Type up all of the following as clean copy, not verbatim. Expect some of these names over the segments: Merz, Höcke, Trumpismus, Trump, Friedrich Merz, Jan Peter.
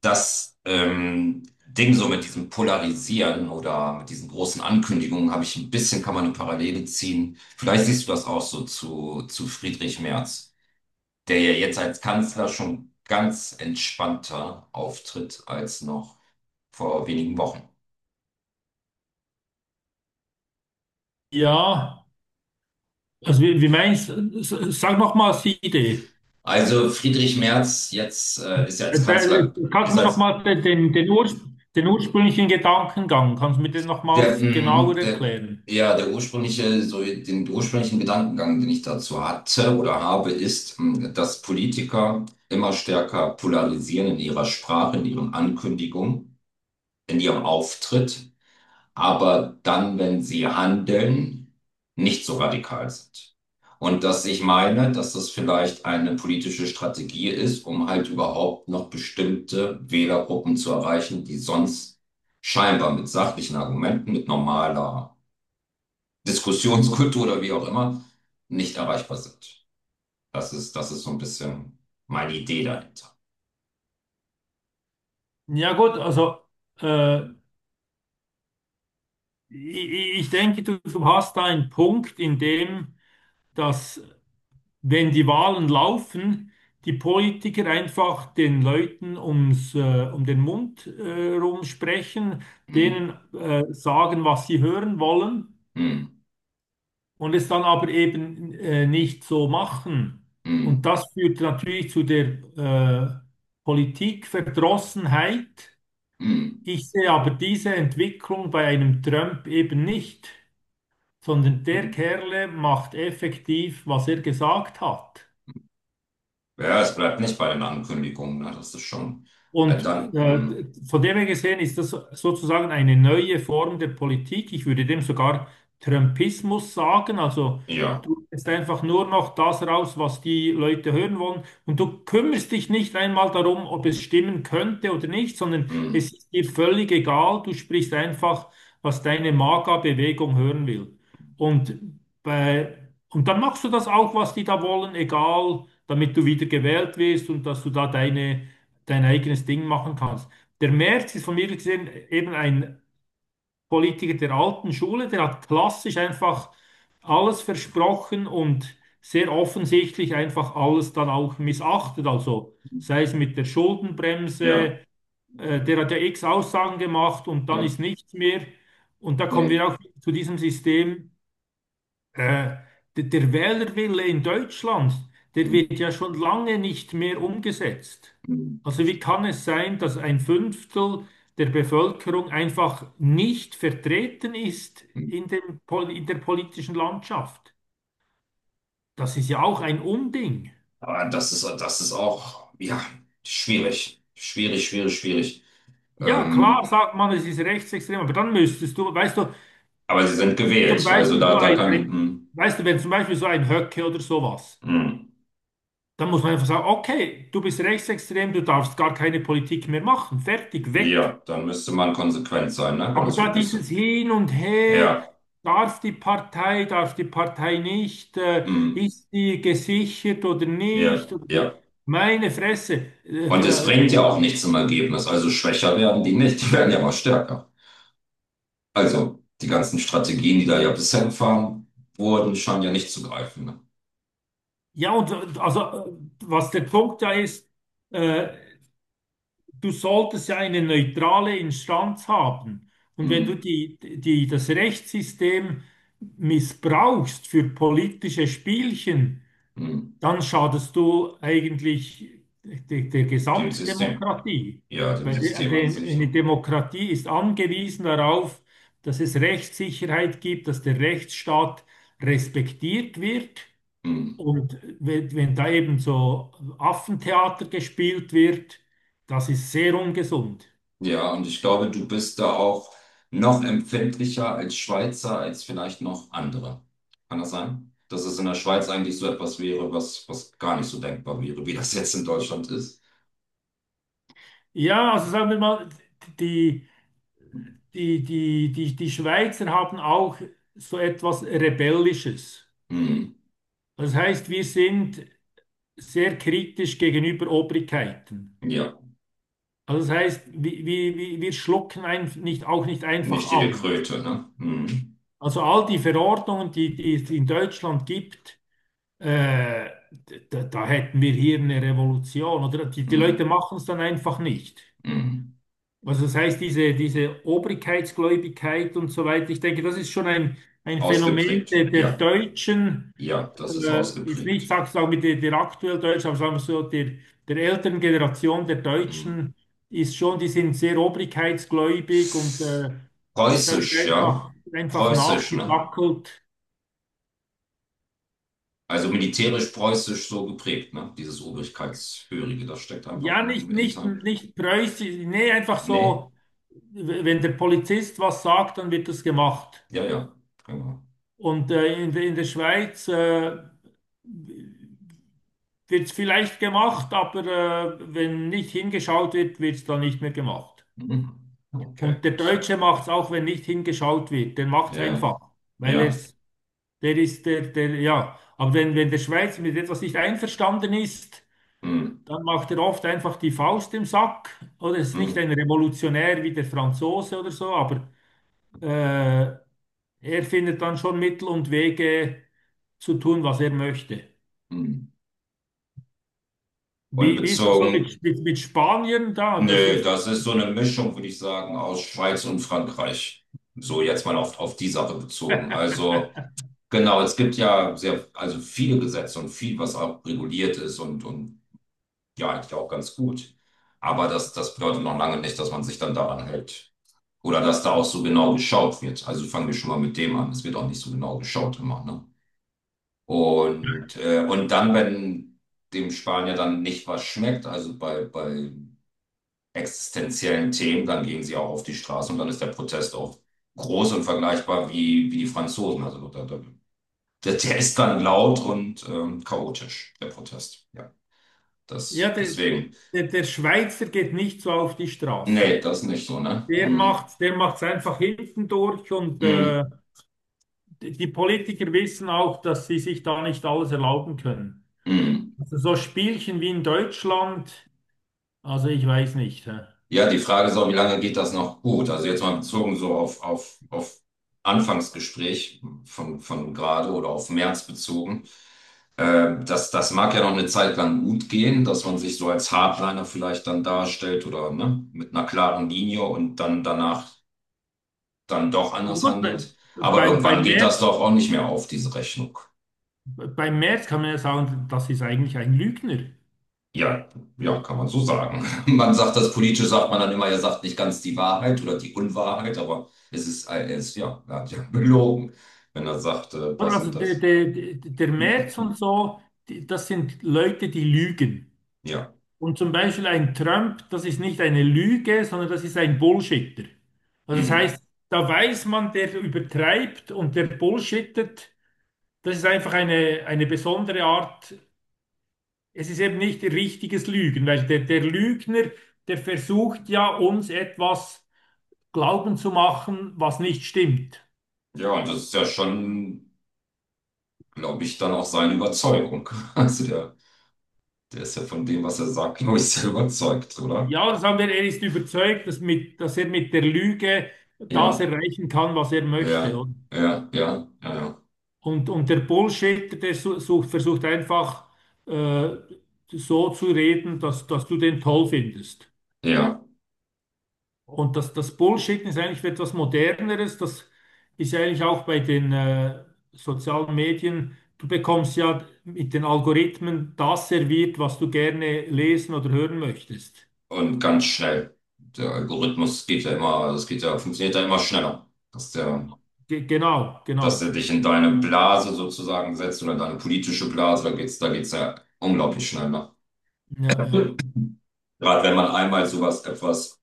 Das Ding so mit diesem Polarisieren oder mit diesen großen Ankündigungen habe ich ein bisschen, kann man eine Parallele ziehen. Vielleicht siehst du das auch so zu Friedrich Merz, der ja jetzt als Kanzler schon ganz entspannter auftritt als noch vor wenigen Wochen. Ja, also wie meinst du, sag noch mal die Idee. Also Friedrich Merz jetzt ist ja als Kannst Kanzler, du ist mir noch als mal Urs, den ursprünglichen Gedankengang, kannst du mir den Der, nochmals mm, genauer der, erklären? ja, der ursprüngliche, so den ursprünglichen Gedankengang, den ich dazu hatte oder habe, ist, dass Politiker immer stärker polarisieren in ihrer Sprache, in ihren Ankündigungen, in ihrem Auftritt, aber dann, wenn sie handeln, nicht so radikal sind. Und dass ich meine, dass das vielleicht eine politische Strategie ist, um halt überhaupt noch bestimmte Wählergruppen zu erreichen, die sonst scheinbar mit sachlichen Argumenten, mit normaler Diskussionskultur oder wie auch immer, nicht erreichbar sind. Das ist so ein bisschen meine Idee dahinter. Ja gut, also äh, ich denke, du hast da einen Punkt, in dem, dass wenn die Wahlen laufen, die Politiker einfach den Leuten um den Mund rum sprechen, denen Hm, sagen, was sie hören wollen. hm, Und es dann aber eben nicht so machen. Und hm, das führt natürlich zu der äh, Politikverdrossenheit. hm, Ich sehe aber diese Entwicklung bei einem Trump eben nicht, sondern der hm. Kerle macht effektiv, was er gesagt hat. Ja, es bleibt nicht bei den Ankündigungen, ne? Das ist schon. Äh, Und dann, mh, von dem her gesehen ist das sozusagen eine neue Form der Politik. Ich würde dem sogar Trumpismus sagen. Also ja, du lässt einfach nur noch das raus, was die Leute hören wollen. Und du kümmerst dich nicht einmal darum, ob es stimmen könnte oder nicht, sondern mh, es ist dir völlig egal. Du sprichst einfach, was deine Magerbewegung hören will. Und, bei, und dann machst du das auch, was die da wollen, egal, damit du wieder gewählt wirst und dass du da dein eigenes Ding machen kannst. Der Merz ist von mir gesehen eben ein Politiker der alten Schule, der hat klassisch einfach alles versprochen und sehr offensichtlich einfach alles dann auch missachtet. Also sei es mit der ja, Schuldenbremse, der hat ja x Aussagen gemacht und dann ja, ist nichts mehr. Und da kommen nee. wir auch zu diesem System. Äh, Der Wählerwille in Deutschland, der Mh, wird ja schon lange nicht mehr umgesetzt. mh, Also wie kann es sein, dass ein Fünftel der Bevölkerung einfach nicht vertreten ist in mh. In der politischen Landschaft? Das ist ja auch ein Unding. Das ist auch, ja, schwierig. Schwierig, schwierig, schwierig. Ja, klar Ähm, sagt man, es ist rechtsextrem, aber dann müsstest du, weißt du, aber sie sind zum gewählt. Also Beispiel da kann, wenn zum Beispiel so ein Höcke oder sowas. mh, mh, Dann muss man einfach sagen, okay, du bist rechtsextrem, du darfst gar keine Politik mehr machen. Fertig, weg. ja, dann müsste man konsequent sein, ne? Wenn Aber das da wirklich so. dieses Hin und Her, Ja, darf die Partei nicht, mh, ist die gesichert oder ja, nicht? Ja. Meine Fresse. Und es bringt ja auch nichts im Ergebnis. Also schwächer werden die nicht, die werden ja mal stärker. Also, die ganzen Strategien, die da ja bisher gefahren wurden, scheinen ja nicht zu greifen. Ne? Ja, und also, was der Punkt da ist, äh, du solltest ja eine neutrale Instanz haben. Und wenn du Hm, das Rechtssystem missbrauchst für politische Spielchen, hm. dann schadest du eigentlich der Dem System. Gesamtdemokratie. Ja, dem Weil System an sich. eine Ne? Demokratie ist angewiesen darauf, dass es Rechtssicherheit gibt, dass der Rechtsstaat respektiert wird. Hm. Und wenn da eben so Affentheater gespielt wird, das ist sehr ungesund. Ja, und ich glaube, du bist da auch noch empfindlicher als Schweizer, als vielleicht noch andere. Kann das sein? Dass es in der Schweiz eigentlich so etwas wäre, was gar nicht so denkbar wäre, wie das jetzt in Deutschland ist. Ja, also sagen wir mal, die, die Schweizer haben auch so etwas Rebellisches. Hm. Das heißt, wir sind sehr kritisch gegenüber Obrigkeiten. Ja, Also das heißt, wir schlucken ein, nicht, auch nicht einfach nicht jede alles. Kröte, ne? Hm. Also all die Verordnungen, die es in Deutschland gibt, Äh, da hätten wir hier eine Revolution, oder? Die, die Leute Hm. machen es dann einfach nicht. Hm. Also das heißt, diese Obrigkeitsgläubigkeit und so weiter, ich denke, das ist schon ein Phänomen Ausgeprägt. Der Ja, Deutschen, ja, das ist jetzt nicht, ausgeprägt. Sagen wir, der aktuell Deutschen, aber sagen wir so, der, der älteren Generation der Hm. Deutschen ist schon, die sind sehr obrigkeitsgläubig und da wird Preußisch, ja. Einfach Preußisch, ne? nachgedackelt. Also militärisch preußisch so geprägt, ne? Dieses Obrigkeitshörige, das steckt einfach Ja, ein Inter. nicht preußisch, nee, einfach Nee? so, wenn der Polizist was sagt, dann wird das gemacht. Ja, ja. Genau. Und in der Schweiz wird es vielleicht gemacht, aber wenn nicht hingeschaut wird, wird es dann nicht mehr gemacht. Mhm. Okay. Und der So. Deutsche macht es auch, wenn nicht hingeschaut wird. Der macht es Ja, einfach, weil ja. es, der ist ja. Aber wenn der Schweizer mit etwas nicht einverstanden ist, Mhm. dann macht er oft einfach die Faust im Sack. Oder ist nicht ein Mhm. Revolutionär wie der Franzose oder so, aber äh, er findet dann schon Mittel und Wege zu tun, was er möchte. Mhm. Und Wie, wie ist es so bezogen, mit Spaniern da? Was nee, ist da? das ist so eine Mischung, würde ich sagen, aus Schweiz und Frankreich. So jetzt mal auf die Sache bezogen. Also, genau, es gibt ja sehr, also viele Gesetze und viel, was auch reguliert ist und ja, eigentlich auch ganz gut. Aber das bedeutet noch lange nicht, dass man sich dann daran hält. Oder dass da auch so genau geschaut wird. Also fangen wir schon mal mit dem an. Es wird auch nicht so genau geschaut immer, ne? Und dann, wenn dem Spanier dann nicht was schmeckt, also bei existenziellen Themen, dann gehen sie auch auf die Straße und dann ist der Protest auch groß und vergleichbar wie, wie die Franzosen. Also der ist dann laut und chaotisch, der Protest. Ja, Ja, das, deswegen. Der Schweizer geht nicht so auf die Nee, Straße. das nicht so, ne? Hm, Der macht's einfach hinten durch und hm, die die Politiker wissen auch, dass sie sich da nicht alles erlauben können. hm. Also so Spielchen wie in Deutschland. Also ich weiß nicht. Hä. Ja, die Frage ist auch, wie lange geht das noch gut? Also jetzt mal bezogen so auf Anfangsgespräch von gerade oder auf März bezogen. Das mag ja noch eine Zeit lang gut gehen, dass man sich so als Hardliner vielleicht dann darstellt oder ne, mit einer klaren Linie und dann danach dann doch anders Gut, handelt. Aber bei, bei irgendwann geht das Merz, doch auch nicht mehr auf, diese Rechnung. bei Merz kann man ja sagen, das ist eigentlich ein Lügner. Ja, ja, kann man so sagen. Man sagt das politisch, sagt man dann immer, er sagt nicht ganz die Wahrheit oder die Unwahrheit, aber er ist, ja, er hat ja belogen, wenn er sagt, Oder das also und das. Der Merz und so, die, das sind Leute, die lügen. Ja. Und zum Beispiel ein Trump, das ist nicht eine Lüge, sondern das ist ein Bullshitter. Also das Hm. heißt, da weiß man, der übertreibt und der bullshittet. Das ist einfach eine besondere Art, es ist eben nicht richtiges Lügen, weil der Lügner, der versucht ja uns etwas glauben zu machen, was nicht stimmt. Ja, und das ist ja schon, glaube ich, dann auch seine Überzeugung. Also der, der ist ja von dem, was er sagt, glaube ich, sehr überzeugt, oder? Ja, das haben wir, er ist überzeugt, dass er mit der Lüge das Ja, erreichen kann, was er ja, möchte. ja, ja, ja, ja. Und der Bullshitter, sucht, versucht einfach äh, so zu reden, dass du den toll findest. Ja. Und das, das Bullshitten ist eigentlich etwas Moderneres. Das ist ja eigentlich auch bei den sozialen Medien. Du bekommst ja mit den Algorithmen das serviert, was du gerne lesen oder hören möchtest. Und ganz schnell. Der Algorithmus geht ja immer, das geht ja, funktioniert ja immer schneller. Dass der Ge Genau, genau. dass er dich in deine Blase sozusagen setzt oder deine politische Blase, da geht's ja unglaublich schnell nach. Ja, ja. Gerade wenn man einmal sowas etwas,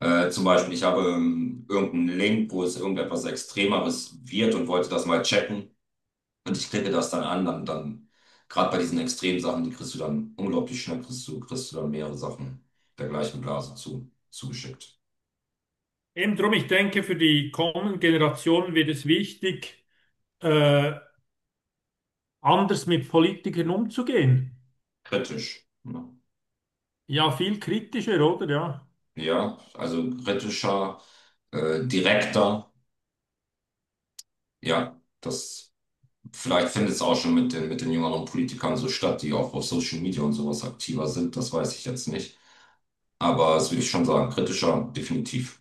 zum Beispiel, ich habe irgendeinen Link, wo es irgendetwas Extremeres wird und wollte das mal checken und ich klicke das dann an, dann gerade bei diesen extremen Sachen, die kriegst du dann unglaublich schnell, kriegst du dann mehrere Sachen der gleichen Blase zugeschickt. Eben drum, ich denke, für die kommenden Generationen wird es wichtig, äh, anders mit Politikern umzugehen. Kritisch. Ne? Ja, viel kritischer, oder? Ja. Ja, also kritischer, direkter, ja, das. Vielleicht findet es auch schon mit den jüngeren Politikern so statt, die auch auf Social Media und sowas aktiver sind. Das weiß ich jetzt nicht. Aber das würde ich schon sagen, kritischer, definitiv.